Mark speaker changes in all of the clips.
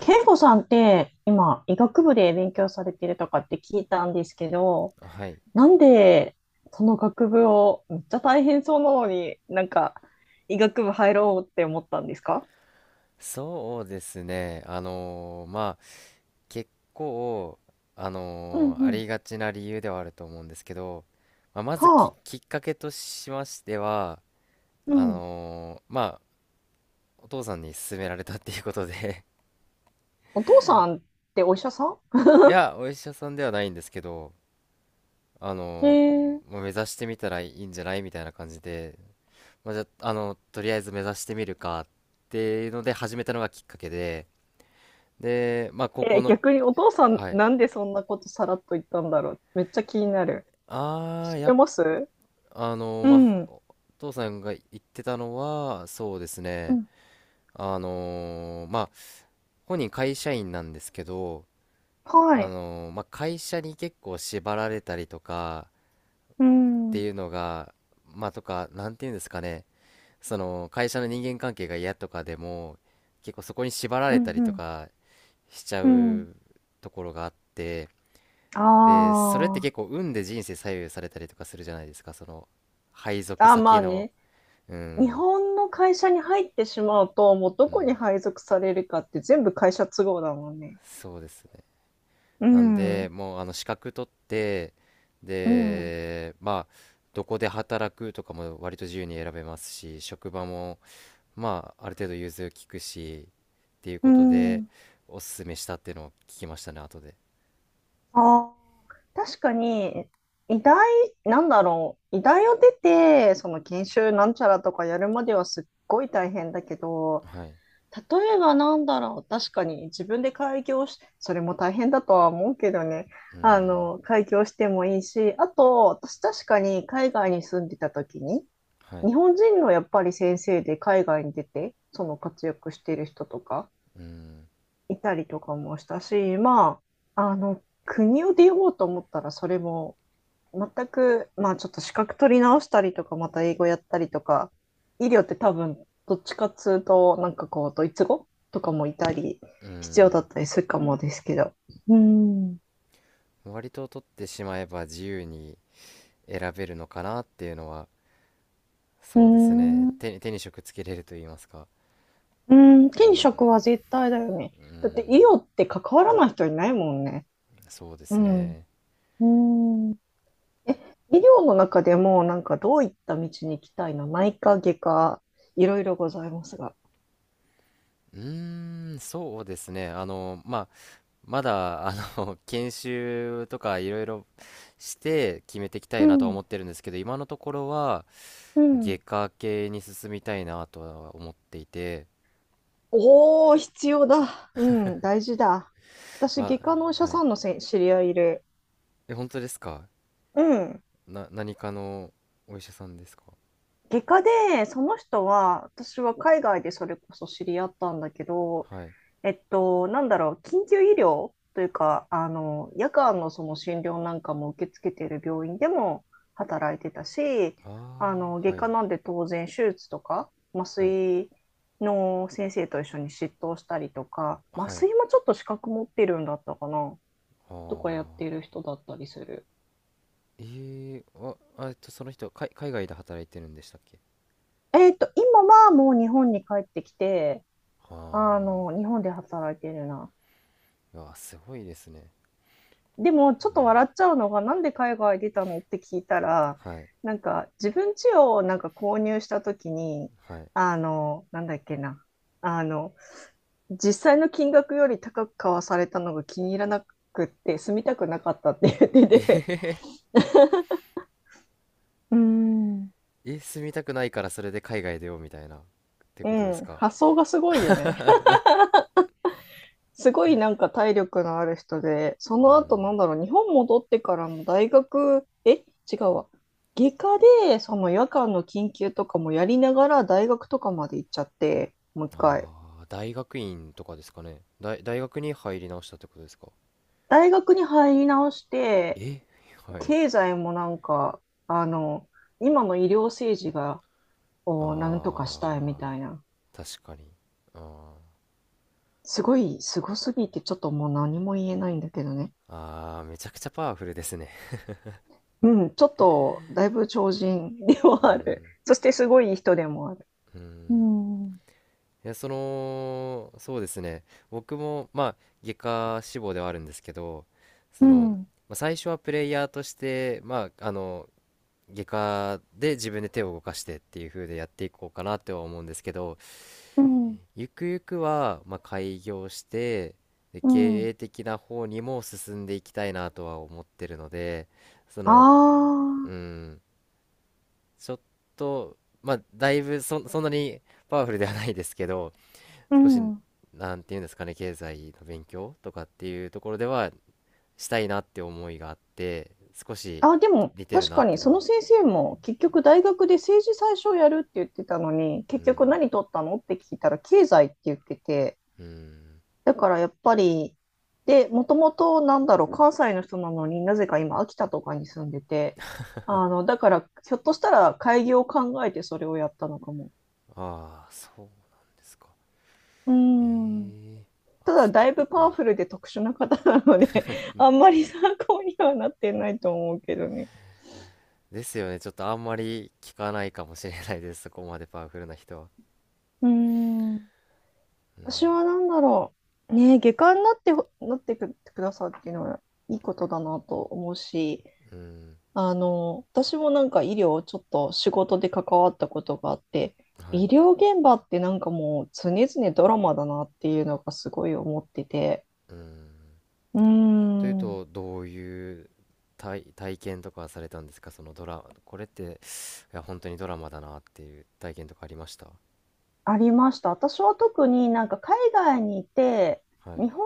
Speaker 1: 健吾さんって今医学部で勉強されてるとかって聞いたんですけど、
Speaker 2: はい。
Speaker 1: なんでその学部をめっちゃ大変そうなのに医学部入ろうって思ったんですか？
Speaker 2: そうですね。まあ、結構、
Speaker 1: うんう
Speaker 2: あ
Speaker 1: ん。
Speaker 2: りがちな理由ではあると思うんですけど、まあ、まず
Speaker 1: はあ、
Speaker 2: きっかけとしましては、
Speaker 1: うん。
Speaker 2: まあ、お父さんに勧められたっていうことで。
Speaker 1: お父さんってお医者さん？
Speaker 2: いや、お医者さんではないんですけど、あ
Speaker 1: へ
Speaker 2: のー
Speaker 1: え、
Speaker 2: まあ目指してみたらいいんじゃないみたいな感じで、まあ、じゃあ、とりあえず目指してみるかっていうので始めたのがきっかけで、で、まあ、高校
Speaker 1: え、
Speaker 2: の。
Speaker 1: 逆にお父さん
Speaker 2: はい。
Speaker 1: なんでそんなことさらっと言ったんだろう？めっちゃ気になる。
Speaker 2: あ
Speaker 1: 知
Speaker 2: あ、
Speaker 1: ってます？う
Speaker 2: まあ
Speaker 1: ん。
Speaker 2: 父さんが言ってたのはそうです
Speaker 1: う
Speaker 2: ね、
Speaker 1: ん。
Speaker 2: まあ本人会社員なんですけど、
Speaker 1: はい。
Speaker 2: まあ会社に結構縛られたりとか
Speaker 1: う
Speaker 2: っ
Speaker 1: ん
Speaker 2: て
Speaker 1: うん。
Speaker 2: いうのが、まあ、とか、なんていうんですかね、その会社の人間関係が嫌とかでも結構そこに縛ら
Speaker 1: う
Speaker 2: れたりと
Speaker 1: ん
Speaker 2: かしちゃ
Speaker 1: うん。
Speaker 2: うところがあって、
Speaker 1: あ
Speaker 2: でそれって結構運で人生左右されたりとかするじゃないですか、その配属
Speaker 1: あ。あ、ま
Speaker 2: 先
Speaker 1: あ
Speaker 2: の。
Speaker 1: ね。
Speaker 2: う
Speaker 1: 日
Speaker 2: ん
Speaker 1: 本の会社に入ってしまうと、もうど
Speaker 2: う
Speaker 1: こに
Speaker 2: ん、
Speaker 1: 配属されるかって全部会社都合だもんね。
Speaker 2: そうですね。
Speaker 1: う
Speaker 2: なんで、
Speaker 1: ん、
Speaker 2: もうあの資格取って、
Speaker 1: うん。
Speaker 2: で、まあ、どこで働くとかも割と自由に選べますし、職場も、まあ、ある程度融通きくし、っていう
Speaker 1: う
Speaker 2: ことで、
Speaker 1: ん、
Speaker 2: おすすめしたっていうのを聞きましたね、後で。
Speaker 1: あー確かに、医大、なんだろう、医大を出て、その研修なんちゃらとかやるまではすっごい大変だけど、
Speaker 2: はい。
Speaker 1: 例えばなんだろう、確かに自分で開業し、それも大変だとは思うけどね、
Speaker 2: う
Speaker 1: あ
Speaker 2: ん。
Speaker 1: の、開業してもいいし、あと、私確かに海外に住んでた時に、
Speaker 2: はい。
Speaker 1: 日本人のやっぱり先生で海外に出て、その活躍してる人とか
Speaker 2: うん。
Speaker 1: いたりとかもしたし、まあ、あの、国を出ようと思ったらそれも全く、まあちょっと資格取り直したりとか、また英語やったりとか、医療って多分どっちかっつうと、なんかこう、ドイツ語とかもいたり、
Speaker 2: う
Speaker 1: 必要だ
Speaker 2: ん。
Speaker 1: ったりするかもですけど。うん。う
Speaker 2: 割と取ってしまえば自由に選べるのかなっていうのは、
Speaker 1: ー
Speaker 2: そうですね。
Speaker 1: ん。う
Speaker 2: 手に職つけれると言いますか。
Speaker 1: ーん。
Speaker 2: う
Speaker 1: 転
Speaker 2: ん。
Speaker 1: 職は絶対だよね。
Speaker 2: う
Speaker 1: だって医
Speaker 2: ん。
Speaker 1: 療って関わらない人いないもんね。
Speaker 2: そうで
Speaker 1: う
Speaker 2: す
Speaker 1: ん。う
Speaker 2: ね。
Speaker 1: ーん。え、医療の中でも、なんかどういった道に行きたいの？内科、外科、いろいろございますが。
Speaker 2: うーん、そうですね。まあ、まだ、研修とかいろいろして決めていきた
Speaker 1: う
Speaker 2: いなとは
Speaker 1: ん、
Speaker 2: 思ってるんですけど、今のところは、
Speaker 1: うん。
Speaker 2: 外科系に進みたいなとは思っていて、
Speaker 1: おー、必要だ。うん、大事だ。私、
Speaker 2: ま
Speaker 1: 外科のお医
Speaker 2: あ、
Speaker 1: 者
Speaker 2: はい。
Speaker 1: さんのせ知り合いいる。
Speaker 2: え、本当ですか？
Speaker 1: うん。
Speaker 2: 何かのお医者さんですか？
Speaker 1: 外科で、その人は、私は海外でそれこそ知り合ったんだけど、
Speaker 2: はい。
Speaker 1: えっと、なんだろう、緊急医療というか、あの、夜間のその診療なんかも受け付けている病院でも働いてたし、あ
Speaker 2: あ
Speaker 1: の、
Speaker 2: あ、
Speaker 1: 外
Speaker 2: は
Speaker 1: 科
Speaker 2: い、
Speaker 1: なんで当然手術とか、麻
Speaker 2: はい、
Speaker 1: 酔の先生と一緒に執刀したりとか、麻
Speaker 2: はい。
Speaker 1: 酔もちょっと資格持ってるんだったかな、
Speaker 2: あ
Speaker 1: とかやっ
Speaker 2: あ、
Speaker 1: てる人だったりする。
Speaker 2: えー、あ、その人、海外で働いてるんでしたっけ？
Speaker 1: えっと、今はもう日本に帰ってきて、あ
Speaker 2: あ
Speaker 1: の、日本で働いてるな。
Speaker 2: あ、いや、すごいですね。
Speaker 1: でも、ちょっ
Speaker 2: う
Speaker 1: と笑
Speaker 2: ん。
Speaker 1: っちゃうのが、なんで海外出たのって聞いたら、
Speaker 2: はい
Speaker 1: なんか、自分家をなんか購入した時に、
Speaker 2: はい。
Speaker 1: あの、なんだっけな、あの、実際の金額より高く買わされたのが気に入らなくって、住みたくなかったって言って
Speaker 2: え、
Speaker 1: て、うん。
Speaker 2: え、住みたくないからそれで海外出ようみたいな、って
Speaker 1: う
Speaker 2: ことです
Speaker 1: ん、
Speaker 2: か？
Speaker 1: 発想がすごいよね。すごいなんか体力のある人で、そ
Speaker 2: う
Speaker 1: の後
Speaker 2: ん。
Speaker 1: なんだろう、日本戻ってからの大学、え、違うわ。外科で、その夜間の緊急とかもやりながら大学とかまで行っちゃって、もう一回。
Speaker 2: ああ、大学院とかですかね。大学に入り直したってことですか？
Speaker 1: 大学に入り直して、
Speaker 2: え、はい。
Speaker 1: 経済もなんか、あの、今の医療政治が、をなんとかしたいみ
Speaker 2: ああ、
Speaker 1: たいな。
Speaker 2: 確かに。あ
Speaker 1: すごい、すごすぎて、ちょっともう何も言えないんだけどね。
Speaker 2: あ、ああ、めちゃくちゃパワフルですね。
Speaker 1: うん、ちょっと、だいぶ超人で は
Speaker 2: う
Speaker 1: ある。
Speaker 2: ん。
Speaker 1: そしてすごいい人でもある。
Speaker 2: う
Speaker 1: う
Speaker 2: ん。
Speaker 1: ん、うん、
Speaker 2: いや、その、そうですね。僕も、まあ、外科志望ではあるんですけど、その、まあ、最初はプレイヤーとして、まあ、あの、外科で自分で手を動かしてっていう風でやっていこうかなっては思うんですけど、
Speaker 1: うん、
Speaker 2: ゆくゆくはまあ開業して、で
Speaker 1: う
Speaker 2: 経
Speaker 1: ん。
Speaker 2: 営的な方にも進んでいきたいなとは思ってるので、そ
Speaker 1: あ
Speaker 2: の、
Speaker 1: あ、
Speaker 2: うん、ちょっと、まあだいぶそんなにパワフルではないですけど、
Speaker 1: う
Speaker 2: 少し、
Speaker 1: ん。
Speaker 2: なんていうんですかね、経済の勉強とかっていうところではしたいなって思いがあって、少し
Speaker 1: あ、でも、
Speaker 2: 似てる
Speaker 1: 確
Speaker 2: な
Speaker 1: か
Speaker 2: っ
Speaker 1: に、
Speaker 2: て
Speaker 1: そ
Speaker 2: のは、
Speaker 1: の先生も、結局、大学で政治最初やるって言ってたのに、
Speaker 2: う
Speaker 1: 結
Speaker 2: ん
Speaker 1: 局何取ったのって聞いたら、経済って言ってて、
Speaker 2: うん、
Speaker 1: だからやっぱり、で、もともと、なんだろう、関西の人なのになぜか今、秋田とかに住んでて、あの、だから、ひょっとしたら、開業を考えてそれをやったのかも。
Speaker 2: ああ、そうなんですか。
Speaker 1: うん。
Speaker 2: ええ、
Speaker 1: ただ
Speaker 2: 秋田。
Speaker 1: だいぶパ
Speaker 2: はい。
Speaker 1: ワフルで特殊な方なので あんまり参考にはなってないと思うけどね。
Speaker 2: ですよね。ちょっとあんまり聞かないかもしれないです。そこまでパワフルな人は。
Speaker 1: うーん。
Speaker 2: う
Speaker 1: 私
Speaker 2: ん。
Speaker 1: は何だろう。ねえ、外科になってほ、なってく、くださるっていうのはいいことだなと思うし、
Speaker 2: うん。
Speaker 1: あの、私もなんか医療をちょっと仕事で関わったことがあって、
Speaker 2: は
Speaker 1: 医
Speaker 2: い。
Speaker 1: 療現場ってなんかもう常々ドラマだなっていうのがすごい思ってて、
Speaker 2: うん。
Speaker 1: うー
Speaker 2: という
Speaker 1: ん。
Speaker 2: と、どういう体験とかされたんですか？そのこれって、いや、本当にドラマだなっていう体験とかありました？
Speaker 1: ありました。私は特になんか海外にいて、
Speaker 2: はい。
Speaker 1: 日本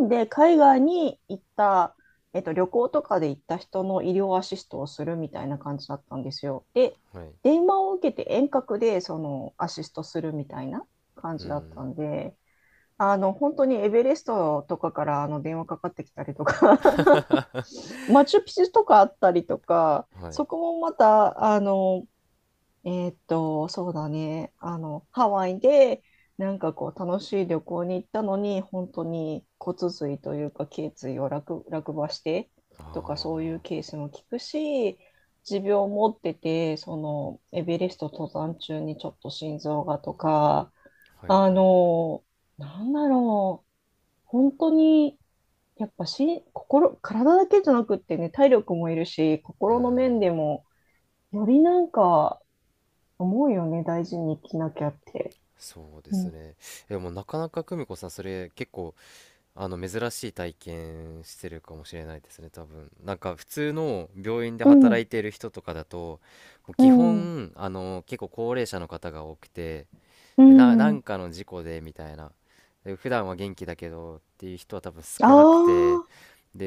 Speaker 1: 人で海外に行った、えっと、旅行とかで行った人の医療アシストをするみたいな感じだったんですよ。で、
Speaker 2: はい。
Speaker 1: 電話を受けて遠隔でそのアシストするみたいな感
Speaker 2: う
Speaker 1: じだった
Speaker 2: ん。
Speaker 1: んで、あの本当にエベレストとかからあの電話かかってきたりとか マチュピチュとかあったりとか、
Speaker 2: はい。
Speaker 1: そこもまたあのえーっと、そうだね。あの、ハワイで、なんかこう、楽しい旅行に行ったのに、本当に骨髄というか、頸椎を落、落馬してとか、そう
Speaker 2: あ
Speaker 1: いうケースも聞くし、持病を持ってて、その、エベレスト登山中にちょっと心臓がとか、
Speaker 2: あ。はい
Speaker 1: あ
Speaker 2: はい。
Speaker 1: の、なんだろう、本当に、やっぱし、心、体だけじゃなくってね、体力もいるし、
Speaker 2: うー
Speaker 1: 心の面で
Speaker 2: ん。
Speaker 1: も、よりなんか、思うよね、大事に生きなきゃって。
Speaker 2: そうで
Speaker 1: う
Speaker 2: す
Speaker 1: ん。
Speaker 2: ね。でもなかなか久美子さん、それ結構あの珍しい体験してるかもしれないですね、多分なんか普通の病院で
Speaker 1: う
Speaker 2: 働
Speaker 1: ん、
Speaker 2: いてる人とかだと、もう
Speaker 1: う
Speaker 2: 基
Speaker 1: ん、
Speaker 2: 本結構高齢者の方が多くて、
Speaker 1: う
Speaker 2: でなん
Speaker 1: ん。
Speaker 2: かの事故でみたいな、で普段は元気だけどっていう人は多分少なくて、
Speaker 1: ああ、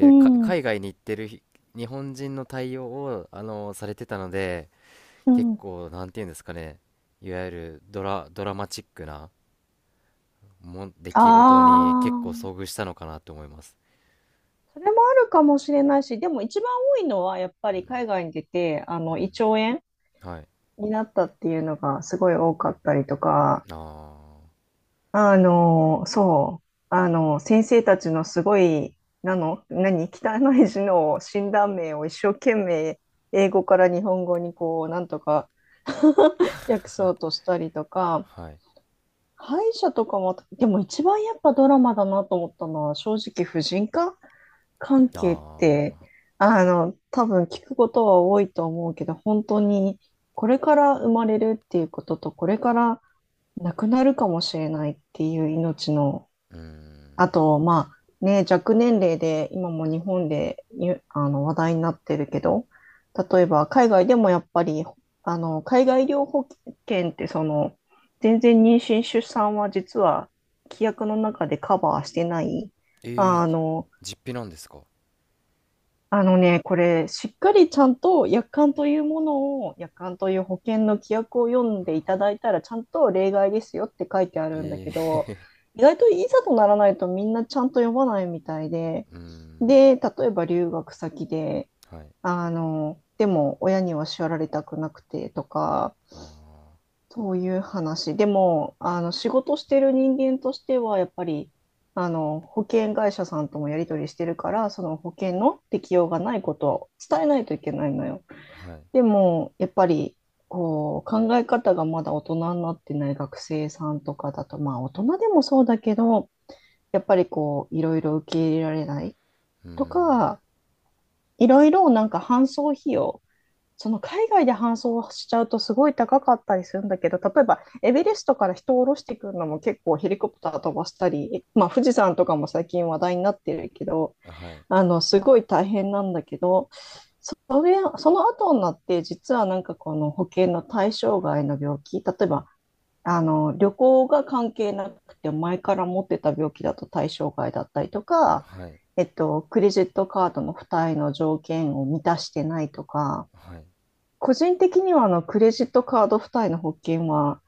Speaker 1: うん、
Speaker 2: 海外に行ってる日本人の対応をされてたので、
Speaker 1: う
Speaker 2: 結
Speaker 1: ん。
Speaker 2: 構なんていうんですかね、いわゆるドラマチックな出
Speaker 1: あ
Speaker 2: 来事に結構
Speaker 1: あ。
Speaker 2: 遭遇したのかなと思います。
Speaker 1: それもあるかもしれないし、でも一番多いのはやっぱり海外に出て、あの、胃腸炎
Speaker 2: はい。
Speaker 1: になったっていうのがすごい多かったりとか、
Speaker 2: あ
Speaker 1: あの、そう、あの、先生たちのすごい、なの、何、汚い字の診断名を一生懸命、英語から日本語にこう、なんとか 訳そうとしたりとか、
Speaker 2: あ、はい。
Speaker 1: 歯医者とかも、でも一番やっぱドラマだなと思ったのは、正直、婦人科関係っ
Speaker 2: あ
Speaker 1: て、
Speaker 2: あ、
Speaker 1: あの、多分聞くことは多いと思うけど、本当に、これから生まれるっていうことと、これから亡くなるかもしれないっていう命の、
Speaker 2: うー
Speaker 1: あ
Speaker 2: ん。
Speaker 1: と、まあ、ね、若年齢で今も日本でゆあの話題になってるけど、例えば海外でもやっぱり、あの、海外医療保険って全然妊娠出産は実は規約の中でカバーしてない、
Speaker 2: えー、
Speaker 1: あの、
Speaker 2: 実費なんですか？
Speaker 1: あのね、これ、しっかりちゃんと約款という保険の規約を読んでいただいたら、ちゃんと例外ですよって書いてあるんだ
Speaker 2: え
Speaker 1: け
Speaker 2: ー、
Speaker 1: ど、意外といざとならないとみんなちゃんと読まないみたいで、
Speaker 2: うーん。
Speaker 1: で、例えば留学先で、
Speaker 2: はい。
Speaker 1: あの、でも親には叱られたくなくてとか、
Speaker 2: あ
Speaker 1: そういう話。でも、あの、仕事してる人間としては、やっぱり、あの、保険会社さんともやり取りしてるから、その保険の適用がないことを伝えないといけないのよ。
Speaker 2: あ、はい。
Speaker 1: でも、やっぱり、こう、考え方がまだ大人になってない学生さんとかだと、まあ、大人でもそうだけど、やっぱりこう、いろいろ受け入れられない
Speaker 2: うー
Speaker 1: と
Speaker 2: ん。
Speaker 1: か、いろいろなんか搬送費用、その海外で搬送しちゃうとすごい高かったりするんだけど、例えばエベレストから人を降ろしてくるのも結構ヘリコプター飛ばしたり、まあ、富士山とかも最近話題になってるけど、
Speaker 2: はい。
Speaker 1: あのすごい大変なんだけど、それ、その後になって実はなんかこの保険の対象外の病気、例えばあの旅行が関係なくて前から持ってた病気だと対象外だったりとか、
Speaker 2: はい。
Speaker 1: えっと、クレジットカードの付帯の条件を満たしてないとか、
Speaker 2: はい。
Speaker 1: 個人的にはあのクレジットカード付帯の保険は、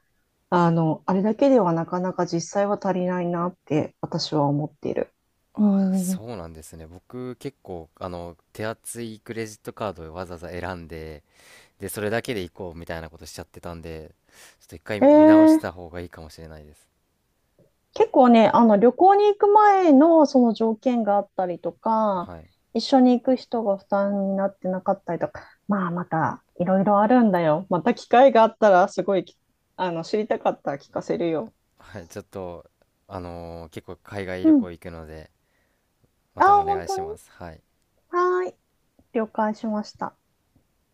Speaker 1: あの、あれだけではなかなか実際は足りないなって私は思っている。う
Speaker 2: ああ、そ
Speaker 1: ん。
Speaker 2: うなんですね。僕、結構、手厚いクレジットカードをわざわざ選んで、で、それだけで行こうみたいなことしちゃってたんで、ちょっと一回
Speaker 1: え
Speaker 2: 見直し
Speaker 1: ー、
Speaker 2: た方がいいかもしれないです。
Speaker 1: 結構ね、あの旅行に行く前のその条件があったりとか、
Speaker 2: はい。
Speaker 1: 一緒に行く人が負担になってなかったりとか、まあまたいろいろあるんだよ。また機会があったらすごいき、あの、知りたかったら聞かせるよ。
Speaker 2: はい。ちょっと、結構海外
Speaker 1: う
Speaker 2: 旅
Speaker 1: ん。
Speaker 2: 行行くので、ま
Speaker 1: あ
Speaker 2: た
Speaker 1: あ、
Speaker 2: お願
Speaker 1: 本
Speaker 2: い
Speaker 1: 当
Speaker 2: し
Speaker 1: に。
Speaker 2: ます。はい。
Speaker 1: はーい。了解しました。